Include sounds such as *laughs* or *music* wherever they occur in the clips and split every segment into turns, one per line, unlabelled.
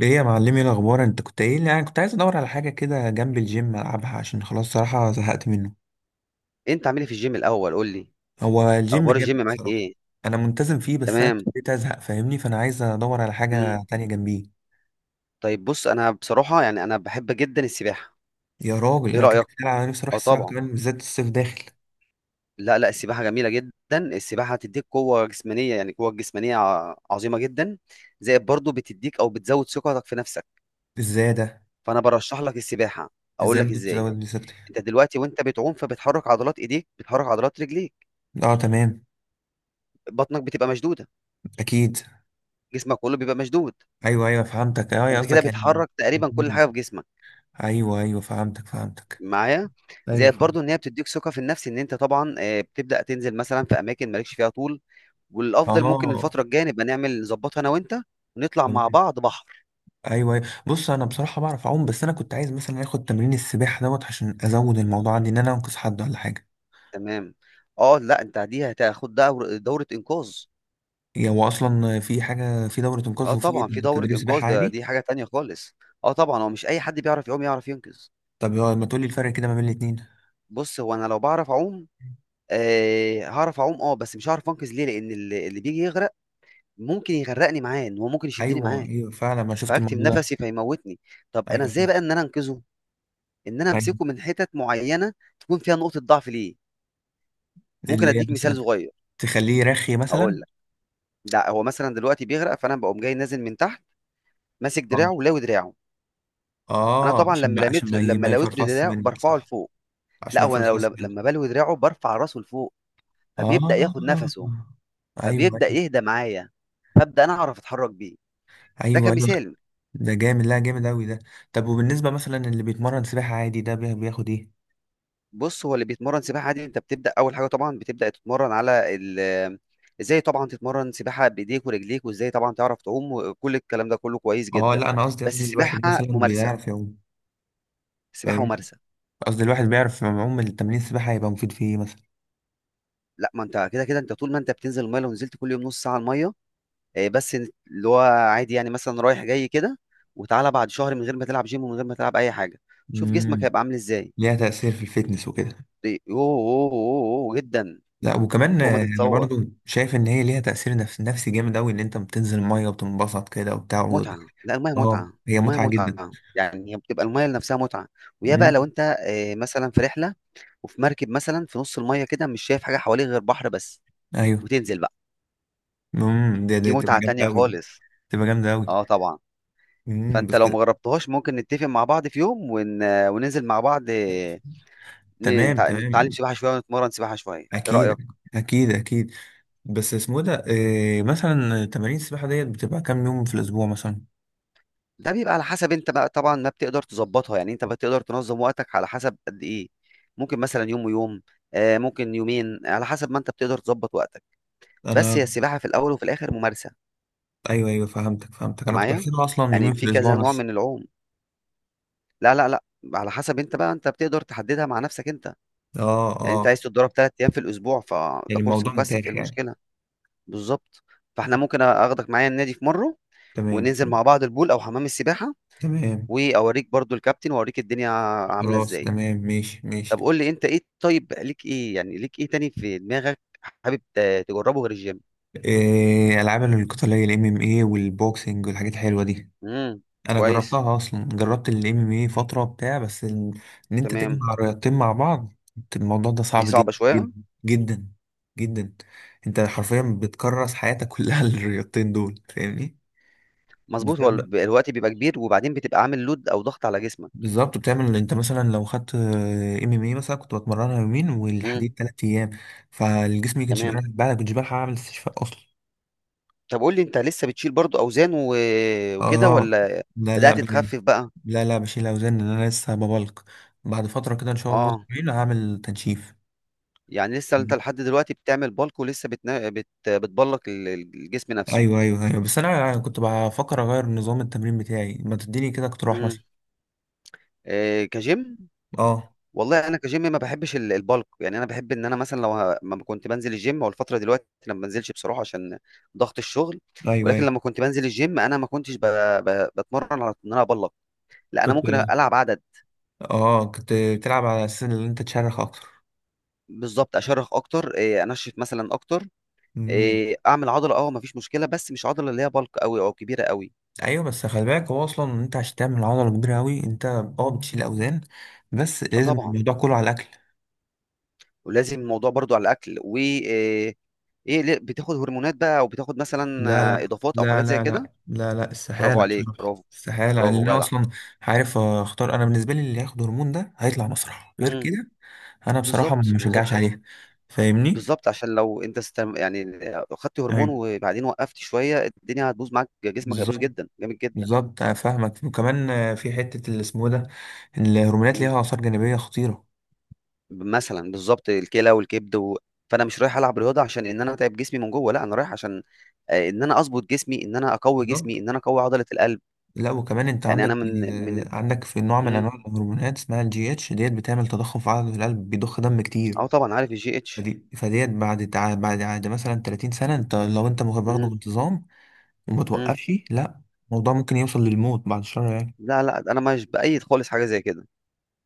ايه يا معلمي، إيه الاخبار؟ انت كنت قايل لي يعني كنت عايز ادور على حاجه كده جنب الجيم العبها عشان خلاص صراحه زهقت منه.
انت عامل ايه في الجيم الاول، قول لي.
هو الجيم
اخبار الجيم
جامد
معاك
بصراحه.
ايه؟
انا منتظم فيه بس انا
تمام.
ابتديت ازهق فاهمني، فانا عايز ادور على
مم.
حاجه تانية جنبيه.
طيب بص، انا بصراحه يعني انا بحب جدا السباحه.
يا راجل،
ايه
انا كنت
رايك؟
بتكلم على نفسي اروح
اه
السباحه
طبعا.
كمان بالذات الصيف داخل.
لا لا، السباحه جميله جدا. السباحه هتديك قوه جسمانيه، يعني قوه جسمانيه عظيمه جدا. زائد برضو بتديك او بتزود ثقتك في نفسك.
ازاي ده؟
فانا برشح لك السباحه. اقول
ازاي
لك
ممكن
ازاي.
تزود لي سكتي؟
انت دلوقتي وانت بتعوم، فبتحرك عضلات ايديك، بتحرك عضلات رجليك.
اه تمام.
بطنك بتبقى مشدوده.
اكيد.
جسمك كله بيبقى مشدود.
ايوه ايوه فهمتك، اه
فانت كده
قصدك يعني.
بتحرك تقريبا كل
مم.
حاجه في جسمك.
ايوه ايوه فهمتك فهمتك.
معايا؟
ايوه
زائد برضو ان
فهمت.
هي بتديك ثقه في النفس، ان انت طبعا بتبدا تنزل مثلا في اماكن مالكش فيها طول. والافضل ممكن
اه
الفتره الجايه نبقى نعمل نظبطها انا وانت، ونطلع مع
تمام.
بعض بحر.
ايوه أيوة. بص انا بصراحه بعرف اعوم، بس انا كنت عايز مثلا اخد تمرين السباحه دوت عشان ازود الموضوع عندي ان انا انقذ حد ولا حاجه.
تمام. اه لا، انت دي هتاخد دوره انقاذ.
يعني هو اصلا في حاجه في دوره انقاذ
اه
وفي
طبعا في دوره
تدريب
انقاذ،
سباحه
ده
عادي؟
دي حاجه تانية خالص. اه طبعا، هو مش اي حد بيعرف يعوم يعرف ينقذ.
طب هو ما تقولي الفرق كده ما بين الاتنين.
بص، هو انا لو بعرف اعوم، آه هعرف اعوم، اه، بس مش هعرف انقذ ليه؟ لان اللي بيجي يغرق ممكن يغرقني معاه، ان هو ممكن يشدني
ايوه
معاه.
ايوه فعلا، ما شفت
فهكتم
الموضوع ده.
نفسي فيموتني. طب انا
ايوه
ازاي بقى
شفت.
ان انا انقذه؟ ان انا
ايوه،
امسكه من حتت معينه تكون فيها نقطه ضعف ليه. ممكن
اللي هي
اديك مثال
مثلا
صغير.
تخليه رخي مثلا.
اقول لك. لا، هو مثلا دلوقتي بيغرق، فانا بقوم جاي نازل من تحت، ماسك
اه
دراعه ولاوي دراعه. انا
اه،
طبعا
عشان ما عشان ما ي-
لما
ما
لويت
يفرفص
دراعه
منك،
برفعه
صح؟
لفوق.
عشان
لا،
ما
هو انا
يفرفص منك.
لما بلوي دراعه برفع راسه لفوق،
اه
فبيبدا ياخد نفسه،
ايوه
فبيبدا
ايوه
يهدى معايا، فابدا انا اعرف اتحرك بيه. ده
ايوه ايوه،
كمثال.
ده جامد، لا جامد أوي ده. طب وبالنسبة مثلا اللي بيتمرن سباحة عادي ده بياخد إيه؟
بص، هو اللي بيتمرن سباحة عادي، انت بتبدأ أول حاجة طبعا بتبدأ تتمرن على ازاي طبعا تتمرن سباحة بإيديك ورجليك، وازاي طبعا تعرف تعوم، وكل الكلام ده كله كويس
أه
جدا.
لا، أنا قصدي
بس
قصدي الواحد
السباحة
مثلا
ممارسة.
بيعرف يعوم.
السباحة
فاهمني؟
ممارسة.
قصدي الواحد بيعرف يعوم، التمرين السباحة هيبقى مفيد في إيه مثلا؟
لا، ما انت كده كده انت طول ما انت بتنزل المية، لو نزلت كل يوم نص ساعة المية، بس اللي هو عادي يعني مثلا رايح جاي كده، وتعالى بعد شهر من غير ما تلعب جيم ومن غير ما تلعب أي حاجة، شوف جسمك
امم.
هيبقى عامل ازاي.
ليها تأثير في الفيتنس وكده.
يوه يوه يوه يوه، جدا.
لا وكمان
فوق ما
أنا
تتصور.
برضو شايف إن هي ليها تأثير نفس نفسي جامد أوي، إن أنت بتنزل المية وبتنبسط كده وبتاع و...
متعة، لا المية
أه
متعة.
هي
المية
متعة جدا.
متعة، يعني هي بتبقى المية نفسها متعة. ويا بقى
امم.
لو انت مثلا في رحلة وفي مركب مثلا في نص المية كده، مش شايف حاجة حواليك غير بحر بس،
أيوه.
وتنزل بقى،
امم، ده
دي
تبقى
متعة
جامدة
تانية
أوي دي.
خالص.
تبقى جامدة أوي.
اه طبعا. فانت
بس.
لو مجربتهاش، ممكن نتفق مع بعض في يوم، وننزل مع بعض،
تمام
نتعلم
تمام.
سباحة شوية ونتمرن سباحة شوية. ايه رأيك؟
أكيد أكيد أكيد. بس اسمه ده إيه مثلا؟ تمارين السباحة ديت بتبقى كام يوم في الأسبوع مثلا؟
ده بيبقى على حسب انت بقى، طبعا ما بتقدر تظبطها، يعني انت بتقدر تنظم وقتك على حسب قد ايه. ممكن مثلا يوم ويوم، ممكن يومين، على حسب ما انت بتقدر تظبط وقتك. بس
أنا
هي السباحة في الأول وفي الآخر ممارسة.
أيوه أيوه فهمتك فهمتك،
أنت
أنا كنت
معايا؟
بحسبها أصلا
يعني
يومين في
في
الأسبوع
كذا نوع
بس.
من العوم. لا لا لا. على حسب أنت بقى، أنت بتقدر تحددها مع نفسك أنت.
أه
يعني أنت
أه،
عايز تتدرب 3 أيام في الأسبوع،
يعني
فده كورس
الموضوع
مكثف، إيه
متاح يعني.
المشكلة؟ بالظبط. فإحنا ممكن أخدك معايا النادي في مرة،
تمام
وننزل
تمام
مع بعض البول أو حمام السباحة،
تمام.
وأوريك برضو الكابتن وأوريك الدنيا عاملة
خلاص
إزاي.
تمام، ماشي ماشي.
طب قول لي أنت إيه، طيب ليك إيه يعني، ليك إيه تاني في دماغك؟ حابب تجربه غير الجيم؟
إيه ألعاب القتالية ال MMA والبوكسنج والحاجات الحلوة دي.
امم.
انا
كويس.
جربتها اصلا، جربت الام ام اي فتره بتاع بس ان انت
تمام.
تجمع رياضتين مع بعض، الموضوع ده
دي
صعب
صعبة
جدا
شوية.
جدا. جدا. جدا. انت حرفيا بتكرس حياتك كلها *laughs* للرياضتين دول فاهمني.
مظبوط،
بالذات
هو
بقى.
الوقت بيبقى كبير، وبعدين بتبقى عامل لود او ضغط على جسمك.
بالظبط، بتعمل انت مثلا لو خدت ام ام اي مثلا كنت بتمرنها يومين
امم.
والحديد ثلاث ايام، فالجسم ما كانش
تمام.
بيعرف، بقى كنتش بلحق اعمل استشفاء اصلا.
طب قول لي، انت لسه بتشيل برضو اوزان وكده،
اه.
ولا
لا لا
بدأت تخفف بقى؟
لا لا، بشيل اوزان لأن انا لسه ببلك. بعد فتره كده ان شاء الله
اه.
أسبوعين هعمل تنشيف.
يعني لسه انت لحد دلوقتي بتعمل بالك، ولسه بتبلك الجسم نفسه.
ايوه ايوه ايوه، بس انا كنت بفكر اغير نظام التمرين بتاعي، ما تديني كده اقتراح مثلا.
امم. إيه كجيم؟
اه
والله انا كجيم ما بحبش البلك، يعني انا بحب ان انا مثلا لو ما كنت بنزل الجيم، او الفتره دلوقتي انا ما بنزلش بصراحه عشان ضغط الشغل.
ايوه
ولكن
ايوه.
لما كنت بنزل الجيم، انا ما كنتش بتمرن على ان انا ابلك. لا، انا
كنت
ممكن العب عدد.
اه كنت بتلعب على اساس ان انت تشرخ اكتر.
بالظبط، اشرخ اكتر، انشف مثلا اكتر،
امم.
اعمل عضله، مفيش مشكله، بس مش عضله اللي هي بالك قوي او كبيره قوي.
ايوه بس خلي بالك، هو اصلا انت عشان تعمل عضله كبيره قوي انت اه بتشيل اوزان، بس
اه
لازم
طبعا.
الموضوع كله على الاكل.
ولازم الموضوع برضو على الاكل و ايه بتاخد هرمونات بقى، او بتاخد مثلا
لا لا
اضافات او
لا
حاجات زي
لا
كده؟
لا لا لا،
برافو
استحالة
عليك،
بصراحة،
برافو.
استحاله لان
برافو
انا
جدع.
اصلا عارف اختار، انا بالنسبه لي اللي هياخد هرمون ده هيطلع مسرح غير
امم
كده. انا بصراحه ما
بالظبط.
بشجعش
بالظبط،
عليه، فاهمني.
بالظبط، عشان لو انت يعني خدت هرمون
ايوه
وبعدين وقفت شويه، الدنيا هتبوظ معاك، جسمك هيبوظ
بالظبط
جدا، جامد جدا.
بالظبط، أنا فاهمك، وكمان في حتة اللي اسمه ده، الهرمونات
مم.
ليها آثار جانبية خطيرة.
مثلا بالظبط الكلى والكبد فانا مش رايح العب رياضه عشان ان انا اتعب جسمي من جوه، لا انا رايح عشان ان انا اظبط جسمي، ان انا اقوي
بالظبط.
جسمي، ان انا اقوي عضله القلب.
لا وكمان انت
يعني انا
عندك
من.
آه، عندك في نوع من
مم.
انواع الهرمونات اسمها الجي اتش ديت، بتعمل تضخم في عضلة القلب، بيضخ دم كتير.
اه طبعا عارف الجي اتش.
فديت بعد عاد مثلا 30 سنة انت، لو برضه
مم.
بانتظام وما
مم.
توقفش، لا الموضوع ممكن يوصل للموت، بعد الشر يعني.
لا لا، انا مش بايد خالص حاجه زي كده.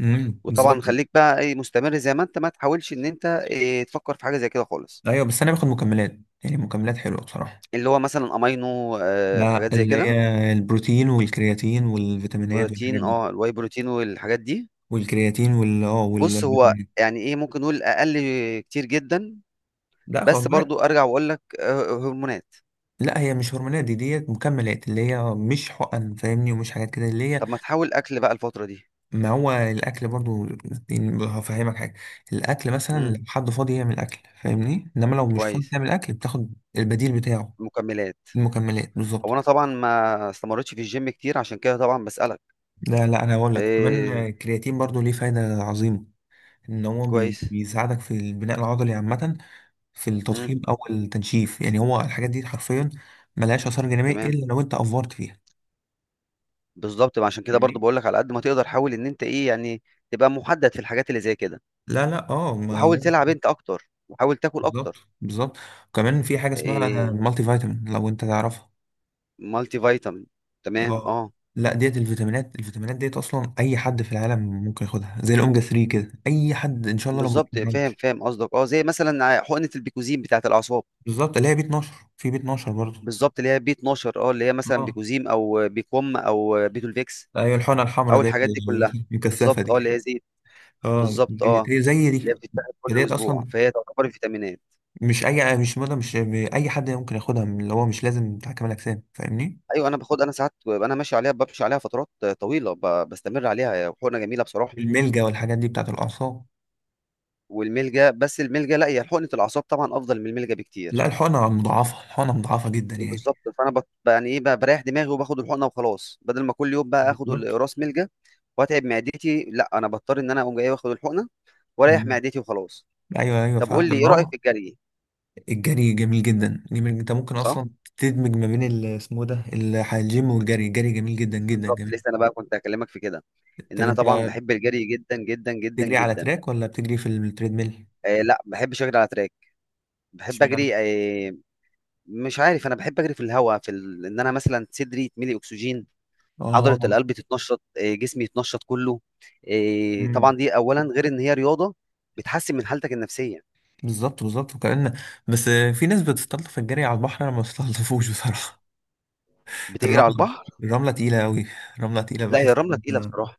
وطبعا
بالظبط.
خليك بقى ايه مستمر زي ما انت، ما تحاولش ان انت إيه تفكر في حاجه زي كده خالص.
ايوه بس انا باخد مكملات، يعني مكملات حلوة بصراحة.
اللي هو مثلا امينو،
لا
حاجات زي
اللي
كده.
هي البروتين والكرياتين والفيتامينات والحاجات
بروتين،
دي.
الواي بروتين والحاجات دي.
والكرياتين
بص، هو
والفيتامينات.
يعني ايه ممكن نقول اقل. كتير جدا.
لا خد
بس
بالك.
برضو أرجع وأقول لك هرمونات.
لا هي مش هرمونات، دي ديت مكملات، اللي هي مش حقن فاهمني، ومش حاجات كده اللي هي.
طب ما تحاول أكل بقى الفترة دي.
ما هو الاكل برضو. يعني هفهمك حاجه، الاكل مثلا
امم.
لو حد فاضي يعمل اكل فاهمني، انما لو مش فاضي
كويس.
تعمل اكل بتاخد البديل بتاعه.
مكملات.
المكملات
هو
بالظبط.
أنا طبعا ما استمرتش في الجيم كتير عشان كده طبعا بسألك.
لا لا، انا هقول لك كمان
إيه.
الكرياتين برضو ليه فايده عظيمه، ان هو
كويس.
بيساعدك في البناء العضلي عامه، في
امم.
التضخيم او التنشيف. يعني هو الحاجات دي حرفيا ملهاش اثار جانبيه
تمام.
الا لو انت افورت فيها،
بالظبط، ما عشان كده برضو
فاهمني.
بقول لك على قد ما تقدر، حاول إن أنت إيه يعني تبقى محدد في الحاجات اللي زي كده،
لا لا اه
وحاول تلعب أنت أكتر وحاول تاكل
بالظبط
أكتر.
بالظبط. وكمان في حاجه اسمها
إيه.
مالتي فيتامين، لو انت تعرفها.
مالتي فيتامين. تمام
اه
أه.
لا، ديت الفيتامينات ديت اصلا اي حد في العالم ممكن ياخدها، زي الاوميجا 3 كده، اي حد ان شاء الله لو ما
بالظبط فاهم
بياخدهاش.
فاهم قصدك، زي مثلا حقنة البيكوزين بتاعت الأعصاب.
بالظبط اللي هي بي 12، في بي 12 برضه.
بالظبط اللي هي بي 12، اللي هي مثلا
اه
بيكوزيم او بيكوم او بيتولفيكس،
ايوه الحقنه الحمراء
او
ديت
الحاجات دي كلها.
المكثفه
بالظبط،
دي.
اللي هي زيت.
اه
بالظبط
دي-
اه.
دي زي
اللي هي
دي.
بتتاخد كل
ديت
اسبوع،
اصلا
فهي تعتبر فيتامينات.
مش اي، مش مدى، مش اي حد ممكن ياخدها، من اللي هو مش لازم بتاع كمال اجسام فاهمني.
ايوه انا باخد، انا ساعات ببقى انا ماشي عليها، بمشي عليها فترات طويله، بستمر عليها. هي حقنه جميله بصراحه.
الملجا والحاجات دي بتاعت الاعصاب.
والملجا، بس الملجا لا، هي حقنه الاعصاب طبعا افضل من الملجا
لا
بكتير.
الحقنة مضاعفة، الحقنة مضاعفة جدا يعني.
بالظبط، فانا يعني ايه بقى، بريح دماغي وباخد الحقنه وخلاص، بدل ما كل يوم بقى اخد
بالظبط.
القراص ملجا واتعب معدتي. لا، انا بضطر ان انا اقوم جاي واخد الحقنه واريح
مم.
معدتي وخلاص.
ايوه ايوه
طب قول
فاهم،
لي، ايه
لما
رأيك
هو.
في الجري؟
الجري جميل جدا جميل، انت ممكن
صح.
اصلا تدمج ما بين اسمه إيه ده الجيم والجري. الجري جميل جدا جدا
بالظبط،
جميل.
لسه انا بقى كنت هكلمك في كده، ان
طب
انا
انت
طبعا بحب الجري جدا جدا جدا
بتجري على
جدا.
تراك ولا بتجري في التريدميل؟
لا، بحبش اجري على تراك. بحب
اشمعنى؟
اجري. مش عارف، انا بحب اجري في الهواء، في ان انا مثلا صدري يتملي اكسجين، عضلة
اه.
القلب تتنشط، جسمي يتنشط كله. طبعا
امم.
دي اولا، غير ان هي رياضة بتحسن من حالتك النفسية.
بالظبط بالظبط وكأن. بس، في ناس بتستلطف الجري على البحر، انا ما بستلطفوش بصراحة. *laughs*
بتجري على
الرملة،
البحر؟
الرملة تقيلة قوي، الرملة تقيلة
لا، هي
بحس.
الرملة تقيلة بصراحة.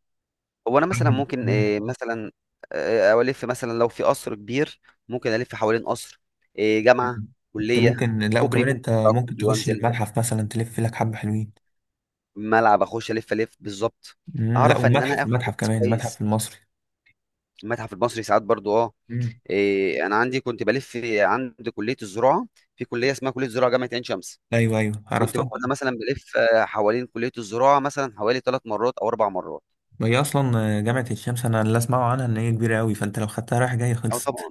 هو انا مثلا ممكن
مم.
مثلا، الف مثلا لو في قصر كبير، ممكن الف حوالين قصر، جامعه،
انت
كليه،
ممكن، لا
كوبري.
وكمان
ممكن
انت
أطلع
ممكن
كوبري
تخش
وانزل،
المتحف مثلا، تلف لك حبة حلوين.
ملعب اخش الف الف بالظبط.
مم، لا
اعرف ان انا
والمتحف،
اخد
المتحف
نفس
كمان،
كويس.
المتحف المصري.
المتحف المصري ساعات برضو اه
مم.
انا عندي كنت بلف عند كليه الزراعه، في كليه اسمها كليه الزراعه جامعه عين شمس.
ايوه ايوه
كنت
عرفتها.
باخدها مثلا بلف حوالين كليه الزراعه مثلا حوالي ثلاث مرات او اربع مرات.
ما هي اصلا جامعة الشمس، انا اللي اسمعه عنها ان هي كبيرة قوي، فانت لو خدتها رايح جاي
او
خلصت
طبعا.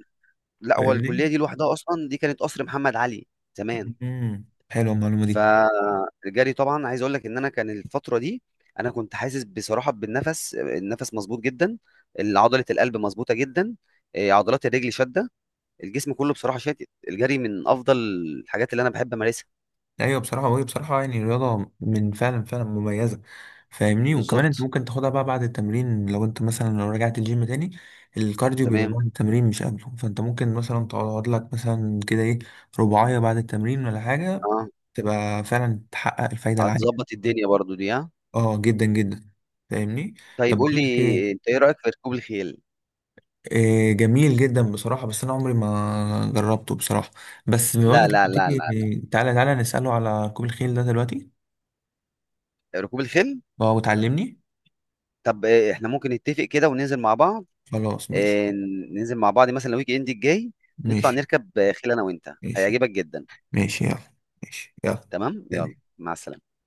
لا، هو الكليه
فاهمني.
دي لوحدها اصلا دي كانت قصر محمد علي زمان.
مم. حلوة المعلومة دي.
فالجري طبعا عايز اقول لك، ان انا كان الفتره دي انا كنت حاسس بصراحه بالنفس، النفس مظبوط جدا، عضله القلب مظبوطه جدا، عضلات الرجل شاده، الجسم كله بصراحه شاتت. الجري من افضل الحاجات اللي انا بحب امارسها.
ايوه بصراحه، وهي بصراحه يعني رياضه من فعلا فعلا مميزه، فاهمني. وكمان انت
بالظبط.
ممكن تاخدها بقى بعد التمرين، لو انت مثلا لو رجعت الجيم تاني، الكارديو بيبقى
تمام.
بعد التمرين مش قبله. فانت ممكن مثلا تقعد لك مثلا كده ايه، رباعيه بعد التمرين ولا حاجه،
اه،
تبقى فعلا تحقق الفايده العاليه.
هتظبط الدنيا برضو دي ها.
اه جدا جدا، فاهمني.
طيب
طب
قول
بقول
لي،
لك ايه.
انت ايه رايك في ركوب الخيل؟
إيه، جميل جدا بصراحه، بس انا عمري ما جربته بصراحه. بس بقول
لا
لك،
لا
لما
لا
تيجي
لا،
تعالى تعالى، نساله على ركوب الخيل ده دلوقتي.
ركوب الخيل.
اه وتعلمني.
طب احنا ممكن نتفق كده وننزل مع بعض،
خلاص ماشي
إيه، ننزل مع بعض مثلا الويك اند الجاي، نطلع
ماشي.
نركب خيل انا وانت،
ماشي
هيعجبك جدا.
ماشي يلا. ماشي يلا.
تمام يلا،
سلام.
مع السلامة.